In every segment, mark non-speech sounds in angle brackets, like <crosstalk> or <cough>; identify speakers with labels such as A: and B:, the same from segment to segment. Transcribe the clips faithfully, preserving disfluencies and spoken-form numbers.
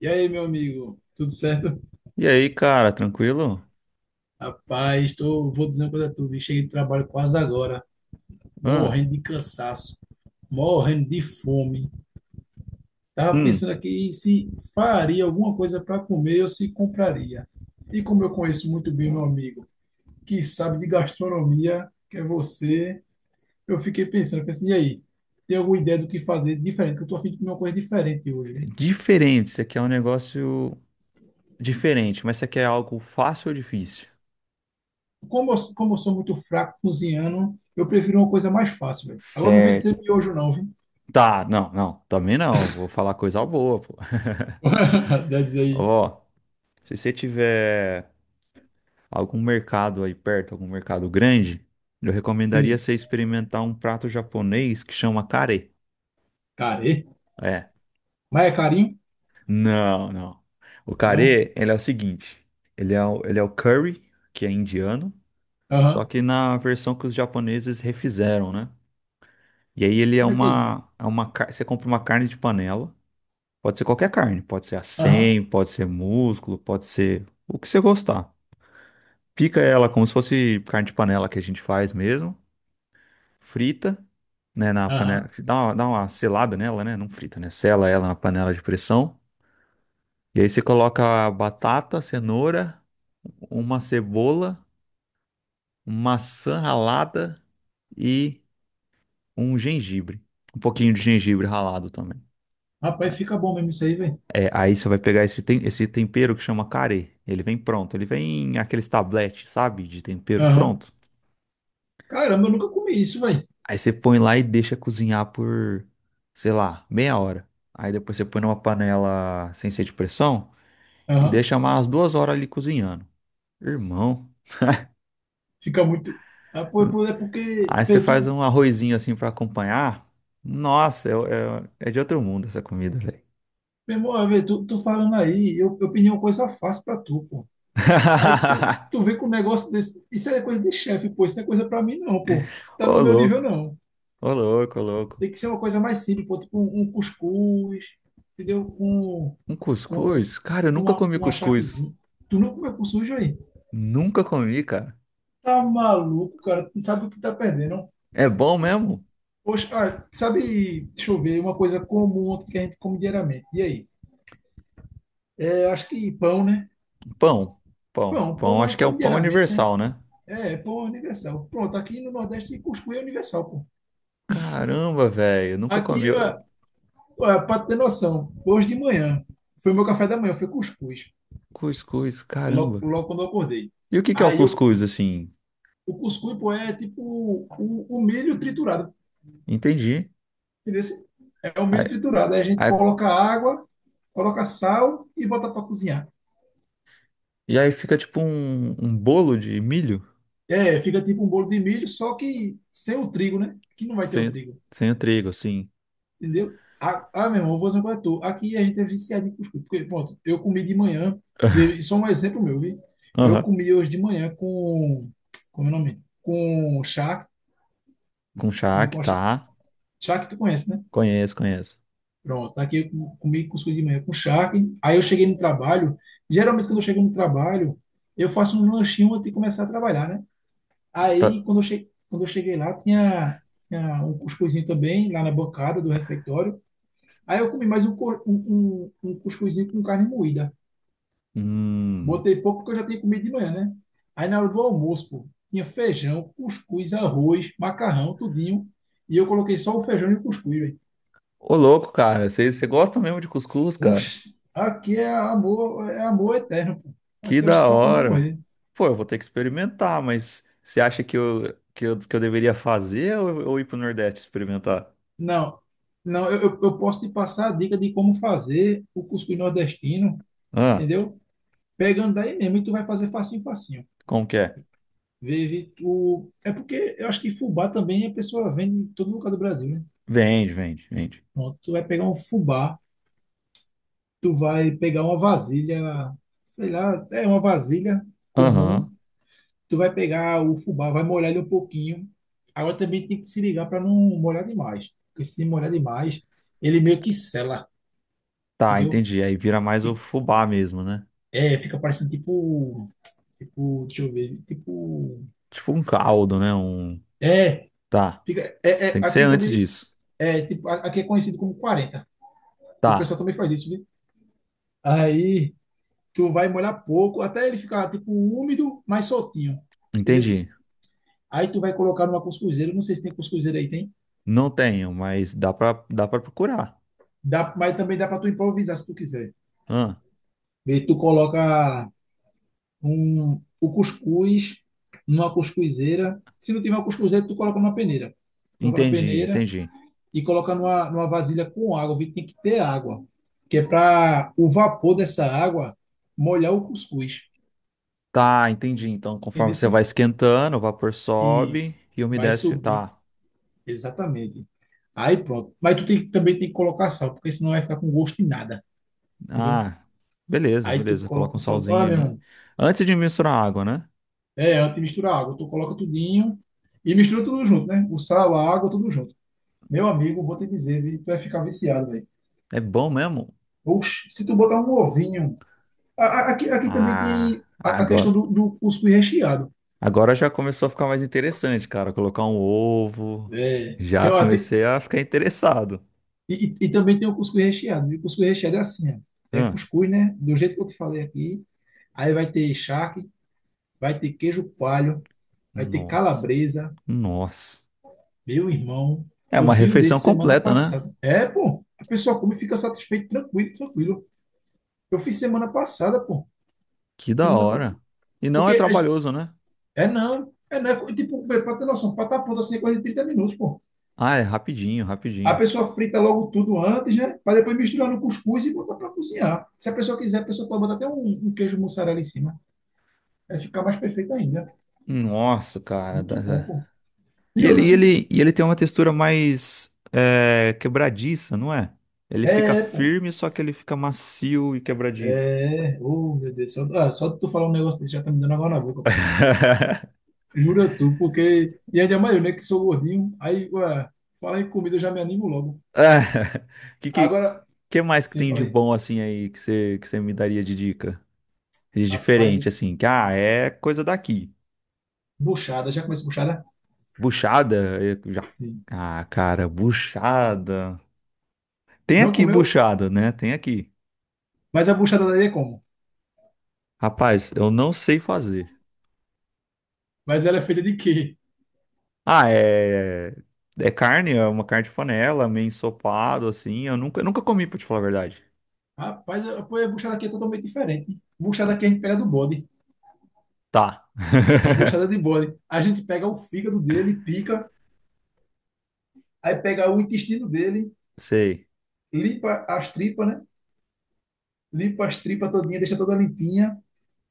A: E aí, meu amigo, tudo certo?
B: E aí, cara, tranquilo?
A: Rapaz, tô, vou dizer uma coisa a tu, vi, cheguei de trabalho quase agora,
B: Hã?
A: morrendo de cansaço, morrendo de fome. Tava
B: Hum,
A: pensando aqui se faria alguma coisa para comer ou se compraria. E como eu conheço muito bem meu amigo, que sabe de gastronomia, que é você, eu fiquei pensando, eu falei assim, e aí, tem alguma ideia do que fazer diferente? Que eu tô a fim de comer uma coisa diferente hoje, hein?
B: diferente. Isso aqui é um negócio diferente, mas isso aqui é algo fácil ou difícil?
A: Como eu, como eu sou muito fraco cozinhando, eu prefiro uma coisa mais fácil, velho. Agora não vem
B: Certo.
A: dizer miojo, não, viu?
B: Tá, não, não, também não. Vou falar coisa boa, pô.
A: <laughs> Já diz
B: <laughs>
A: aí,
B: Ó, se você tiver algum mercado aí perto, algum mercado grande, eu recomendaria
A: sim,
B: você experimentar um prato japonês que chama kare.
A: care.
B: É,
A: Mas é carinho?
B: não, não. O
A: É não?
B: kare, ele é o seguinte: ele é o, ele é o curry, que é indiano. Só
A: Aham.
B: que na versão que os japoneses refizeram, né? E aí ele é
A: Como é que é isso?
B: uma, é uma, car- você compra uma carne de panela, pode ser qualquer carne, pode ser a
A: Aham,
B: cem, pode ser músculo, pode ser o que você gostar. Pica ela como se fosse carne de panela que a gente faz mesmo, frita, né, na panela,
A: aham.
B: dá uma, dá uma selada nela, né? Não frita, né? Sela ela na panela de pressão. E aí você coloca batata, cenoura, uma cebola, maçã ralada e um gengibre, um pouquinho de gengibre ralado também.
A: Rapaz, fica bom mesmo isso aí, velho.
B: É, aí você vai pegar esse, tem- esse tempero que chama carê. Ele vem pronto, ele vem em aqueles tabletes, sabe? De tempero
A: Aham.
B: pronto.
A: Caramba, eu nunca comi isso, velho.
B: Aí você põe lá e deixa cozinhar por, sei lá, meia hora. Aí depois você põe numa panela sem ser de pressão e
A: Aham.
B: deixa mais duas horas ali cozinhando. Irmão.
A: Fica muito. Ah, pô, pô, é porque,
B: Aí você
A: vê,
B: faz
A: tu,
B: um arrozinho assim pra acompanhar. Nossa, é, é, é de outro mundo essa comida, velho.
A: meu irmão, vê, tu, tu, falando aí, eu, eu pedi uma coisa fácil pra tu, pô. Aí tu, tu
B: <laughs>
A: vê com um negócio desse. Isso é coisa de chefe, pô. Isso não é coisa pra mim, não, pô. Isso tá
B: Ô
A: no meu nível,
B: louco,
A: não.
B: ô louco, ô louco.
A: Tem que ser uma coisa mais simples, pô. Tipo um, um cuscuz, entendeu? Um.
B: Um
A: Com
B: cuscuz? Cara, eu nunca
A: uma,
B: comi
A: um
B: cuscuz.
A: achaquezinho. Tu não comeu com sujo aí?
B: Nunca comi, cara.
A: Tá maluco, cara? Tu não sabe o que tá perdendo.
B: É bom mesmo?
A: Poxa, ah, sabe, deixa eu ver, uma coisa comum que a gente come diariamente. E aí? É, acho que pão, né?
B: Pão. Pão.
A: Pão,
B: Pão,
A: pão a
B: acho
A: gente
B: que é um
A: come
B: pão
A: diariamente, né?
B: universal, né?
A: É, pão é universal. Pronto, aqui no Nordeste cuscuz é universal, pô.
B: Caramba, velho. Nunca
A: Aqui,
B: comi. Eu-
A: ah, ah, pra ter noção, hoje de manhã, foi meu café da manhã, foi cuscuz,
B: Cuscuz,
A: logo,
B: caramba.
A: logo quando eu acordei.
B: E o que que é o
A: Aí eu,
B: cuscuz, assim?
A: o cuscuz, pô, é tipo o, o milho triturado,
B: Entendi.
A: entendeu? É o milho
B: Aí-
A: triturado. Aí a gente
B: aí-
A: coloca água, coloca sal e bota para cozinhar.
B: e aí fica tipo um, um bolo de milho
A: É, fica tipo um bolo de milho, só que sem o trigo, né? Que não vai ter o
B: sem,
A: trigo,
B: sem o trigo, assim.
A: entendeu? Ah, ah meu irmão, eu vou fazer um coisa tu. Aqui a gente é viciado em cuscuz. Porque, pronto, eu comi de manhã, de- só um exemplo meu, viu? Eu
B: Aham.
A: comi hoje de manhã com, como é o nome? Com charque,
B: Com
A: comi
B: charque,
A: com charque,
B: tá?
A: charque tu conhece, né?
B: Conheço, conheço.
A: Pronto, tá aqui eu com- comi cuscuz de manhã com charque. Aí eu cheguei no trabalho. Geralmente, quando eu chego no trabalho, eu faço um lanchinho antes de começar a trabalhar, né? Aí,
B: Tá.
A: quando eu, che... quando eu cheguei lá, tinha, tinha um cuscuzinho também, lá na bancada do refeitório. Aí eu comi mais um, cor- um, um, um cuscuzinho com carne moída.
B: Hum.
A: Botei pouco porque eu já tinha comido de manhã, né? Aí, na hora do almoço, pô, tinha feijão, cuscuz, arroz, macarrão, tudinho. E eu coloquei só o feijão e o cuscuz, velho.
B: Ô, louco, cara. Você gosta mesmo de cuscuz, cara?
A: Oxe, aqui é amor, é amor eterno, pô.
B: Que
A: Aqui acho que
B: da
A: só quando eu
B: hora.
A: morrer.
B: Pô, eu vou ter que experimentar, mas você acha que eu, que eu, que eu deveria fazer ou, ou ir pro Nordeste experimentar?
A: Não, não, eu, eu eu posso te passar a dica de como fazer o cuscuz nordestino,
B: Ah,
A: entendeu? Pegando daí mesmo, e tu vai fazer facinho, facinho.
B: como que é?
A: Vive, tu... É porque eu acho que fubá também a pessoa vende em todo lugar do Brasil, né?
B: Vende, vende, vende.
A: Pronto, tu vai pegar um fubá, tu vai pegar uma vasilha, sei lá, é uma vasilha comum,
B: Aham.
A: tu vai pegar o fubá, vai molhar ele um pouquinho. Agora também tem que se ligar para não molhar demais, porque se molhar demais, ele meio que sela,
B: Tá,
A: entendeu?
B: entendi. Aí vira mais o
A: Fica,
B: fubá mesmo, né?
A: é, fica parecendo tipo, tipo, deixa eu ver, tipo,
B: Tipo um caldo, né? Um.
A: é,
B: Tá.
A: fica, é, é,
B: Tem que ser
A: aqui
B: antes
A: também,
B: disso.
A: é, tipo, a- aqui é conhecido como quarenta e o pessoal
B: Tá,
A: também faz isso, viu? Aí tu vai molhar pouco, até ele ficar tipo úmido, mas soltinho, entendeu? Assim?
B: entendi.
A: Aí tu vai colocar numa cuscuzeira, não sei se tem cuscuzeira aí, tem?
B: Não tenho, mas dá pra, dá pra procurar.
A: Dá, mas também dá para tu improvisar se tu quiser.
B: Ah,
A: E tu coloca um, o cuscuz numa cuscuzeira. Se não tiver uma cuscuzeira, tu coloca numa peneira. Coloca na
B: entendi,
A: peneira
B: entendi.
A: e coloca numa, numa vasilha com água. Vê, tem que ter água. Que é para o vapor dessa água molhar o cuscuz.
B: Tá, entendi. Então, conforme
A: Entendeu?
B: você vai
A: Sim?
B: esquentando, o vapor sobe
A: Isso.
B: e a
A: Vai
B: umidade.
A: subir.
B: Tá.
A: Exatamente. Aí pronto. Mas tu tem, que- também tem que colocar sal, porque senão vai ficar com gosto de nada. Entendeu?
B: Ah, beleza,
A: Aí tu
B: beleza.
A: coloca
B: Coloca um
A: o sal. Olha,
B: salzinho
A: meu
B: ali.
A: irmão.
B: Antes de misturar a água, né?
A: É, antes de misturar a água, tu coloca tudinho e mistura tudo junto, né? O sal, a água, tudo junto. Meu amigo, vou te dizer, vi- tu vai ficar viciado, velho.
B: É bom mesmo?
A: Oxe, se tu botar um ovinho. A- a- Aqui, aqui também
B: Ah,
A: tem a, a, questão
B: agora,
A: do, do cuscuz recheado.
B: agora já começou a ficar mais interessante, cara. Colocar um ovo.
A: É.
B: Já
A: Tem, uma- tem-
B: comecei a ficar interessado.
A: e, e- e também tem o cuscuz recheado. E o cuscuz recheado é assim, ó. É
B: Ah,
A: cuscuz, né? Do jeito que eu te falei aqui. Aí vai ter charque, vai ter queijo coalho, vai ter
B: nossa,
A: calabresa.
B: nossa.
A: Meu irmão,
B: É
A: eu
B: uma
A: fiz um
B: refeição
A: desse semana
B: completa, né?
A: passada. É, pô, a pessoa come e fica satisfeito, tranquilo, tranquilo. Eu fiz semana passada, pô.
B: Que da
A: Semana passada.
B: hora. E não
A: Porque
B: é
A: é,
B: trabalhoso, né?
A: é não, é não. é Tipo, pra ter noção, pra estar pronto assim é coisa de trinta minutos, pô.
B: Ah, é rapidinho,
A: A
B: rapidinho.
A: pessoa frita logo tudo antes, né? Pra depois misturar no cuscuz e botar pra cozinhar. Se a pessoa quiser, a pessoa pode botar até um, um queijo mussarela em cima. Vai ficar mais perfeito ainda.
B: Nossa, cara.
A: Muito bom,
B: Dá-
A: pô.
B: E
A: E
B: ele,
A: outra,
B: e
A: se,
B: ele,
A: se-
B: e ele tem uma textura mais é, quebradiça, não é? Ele fica
A: é, pô.
B: firme, só que ele fica macio e quebradiço.
A: É. Oh, meu Deus. Só, ah, só de tu falar um negócio desse já tá me dando água na boca, pô.
B: <laughs>
A: Jura tu, porque. E ainda mais eu, né? Que sou gordinho. Aí, ué, fala em comida, eu já me animo logo.
B: Ah, que, que,
A: Agora,
B: que mais que
A: sim,
B: tem de
A: falei.
B: bom assim aí que você que você me daria de dica? De
A: Rapaz,
B: diferente, assim, que ah, é coisa daqui.
A: buchada. Já comeu buchada?
B: Buchada, eu já.
A: Sim.
B: Ah, cara, buchada. Tem
A: Não
B: aqui
A: comeu?
B: buchada, né? Tem aqui.
A: Mas a buchada daí é como?
B: Rapaz, eu não sei fazer.
A: Mas ela é feita de quê?
B: Ah, é. É carne, é uma carne de panela, meio ensopado, assim. Eu nunca, eu nunca comi, pra te falar a verdade.
A: Rapaz, a pô, a buchada aqui é totalmente diferente. Buchada
B: Ah,
A: aqui a gente pega do bode.
B: tá.
A: É
B: <laughs>
A: buchada de bode. A gente pega o fígado dele, pica. Aí pega o intestino dele,
B: Sei.
A: limpa as tripas, né? Limpa as tripas todinha, deixa toda limpinha.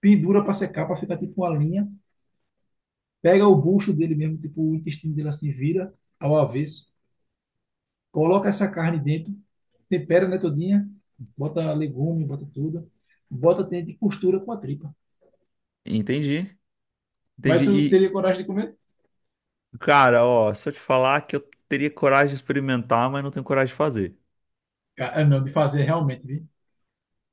A: Pendura para secar, para ficar tipo uma linha. Pega o bucho dele mesmo, tipo, o intestino dele assim, vira ao avesso, coloca essa carne dentro, tempera, né, todinha, bota legume, bota tudo, bota dentro e costura com a tripa.
B: Entendi.
A: Mas
B: Entendi.
A: tu
B: E,
A: teria coragem de comer?
B: cara, ó, se eu te falar que eu teria coragem de experimentar, mas não tenho coragem de fazer.
A: Cara, não, de fazer realmente, viu?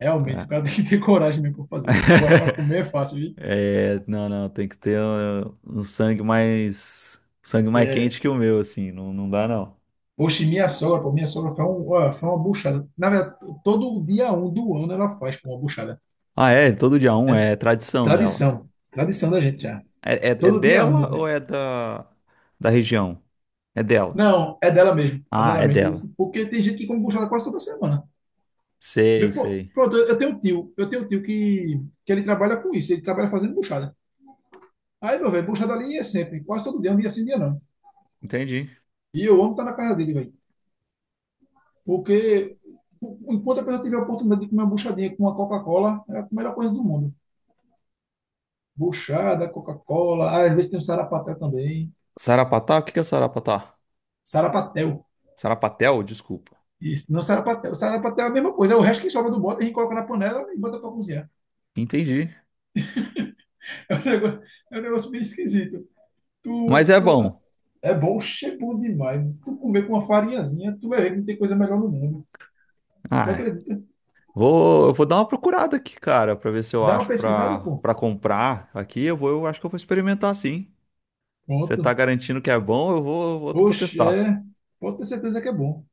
A: Realmente, o
B: É.
A: cara <laughs> tem que ter coragem mesmo para fazer. Agora, para
B: <laughs>
A: comer é fácil, viu?
B: É, não, não, tem que ter uh, um, sangue mais. Sangue mais
A: É.
B: quente que o meu, assim. Não, não dá, não.
A: Poxa, e minha sogra, pô, minha sogra faz um, ó, foi uma buchada. Na verdade, todo dia um do ano ela faz, pô, uma buchada.
B: Ah, é? Todo dia um
A: É
B: é é tradição dela.
A: tradição, tradição da gente já.
B: É, é, é
A: Todo dia
B: dela
A: um.
B: ou é da, da região? É dela.
A: Não, é dela mesmo. É
B: Ah,
A: dela
B: é
A: mesmo, entendeu?
B: dela.
A: Assim, porque tem gente que come buchada quase toda semana.
B: Sei,
A: Meu, pro-
B: sei.
A: pronto, eu eu tenho um tio, eu tenho um tio que, que ele trabalha com isso, ele trabalha fazendo buchada. Aí, meu velho, buchada ali é sempre, quase todo dia, um dia sim, um dia não.
B: Entendi.
A: E eu amo estar na casa dele, velho. Porque o- enquanto a pessoa tiver a oportunidade de comer uma buchadinha com uma Coca-Cola, é a melhor coisa do mundo. Buchada, Coca-Cola, ah, às vezes tem um sarapatel também.
B: Sarapatel? O que que é Sarapatel?
A: Sarapatel.
B: Sarapatel, desculpa.
A: Isso, não sarapatel. Sarapatel é a mesma coisa, é o resto que sobra do bode, a gente coloca na panela e bota para cozinhar.
B: Entendi.
A: É um negócio, é um negócio bem esquisito.
B: Mas
A: Tu,
B: é
A: tu,
B: bom.
A: é bom, é bom demais. Se tu comer com uma farinhazinha, tu vai ver que não tem coisa melhor no mundo. Não
B: Ah, é.
A: acredita?
B: Vou, eu vou dar uma procurada aqui, cara, pra ver se eu
A: Dá uma
B: acho
A: pesquisada,
B: pra,
A: pô.
B: pra comprar aqui. Eu vou, eu acho que eu vou experimentar sim. Você tá
A: Pronto.
B: garantindo que é bom, eu vou, vou, vou
A: Oxe,
B: testar.
A: é. Pode ter certeza que é bom.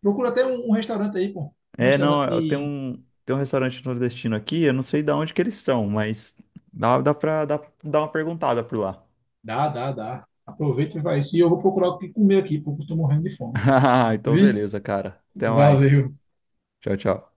A: Procura até um, um restaurante aí, pô. Um
B: É, não,
A: restaurante
B: eu tenho
A: de.
B: um, tenho um restaurante nordestino aqui, eu não sei de onde que eles são, mas dá, dá pra dá, dar uma perguntada por lá.
A: Dá, dá, dá. Aproveita e vai isso. E eu vou procurar o que comer aqui, porque eu tô morrendo de fome.
B: <laughs> Então,
A: Vi?
B: beleza, cara. Até mais.
A: Valeu.
B: Tchau, tchau.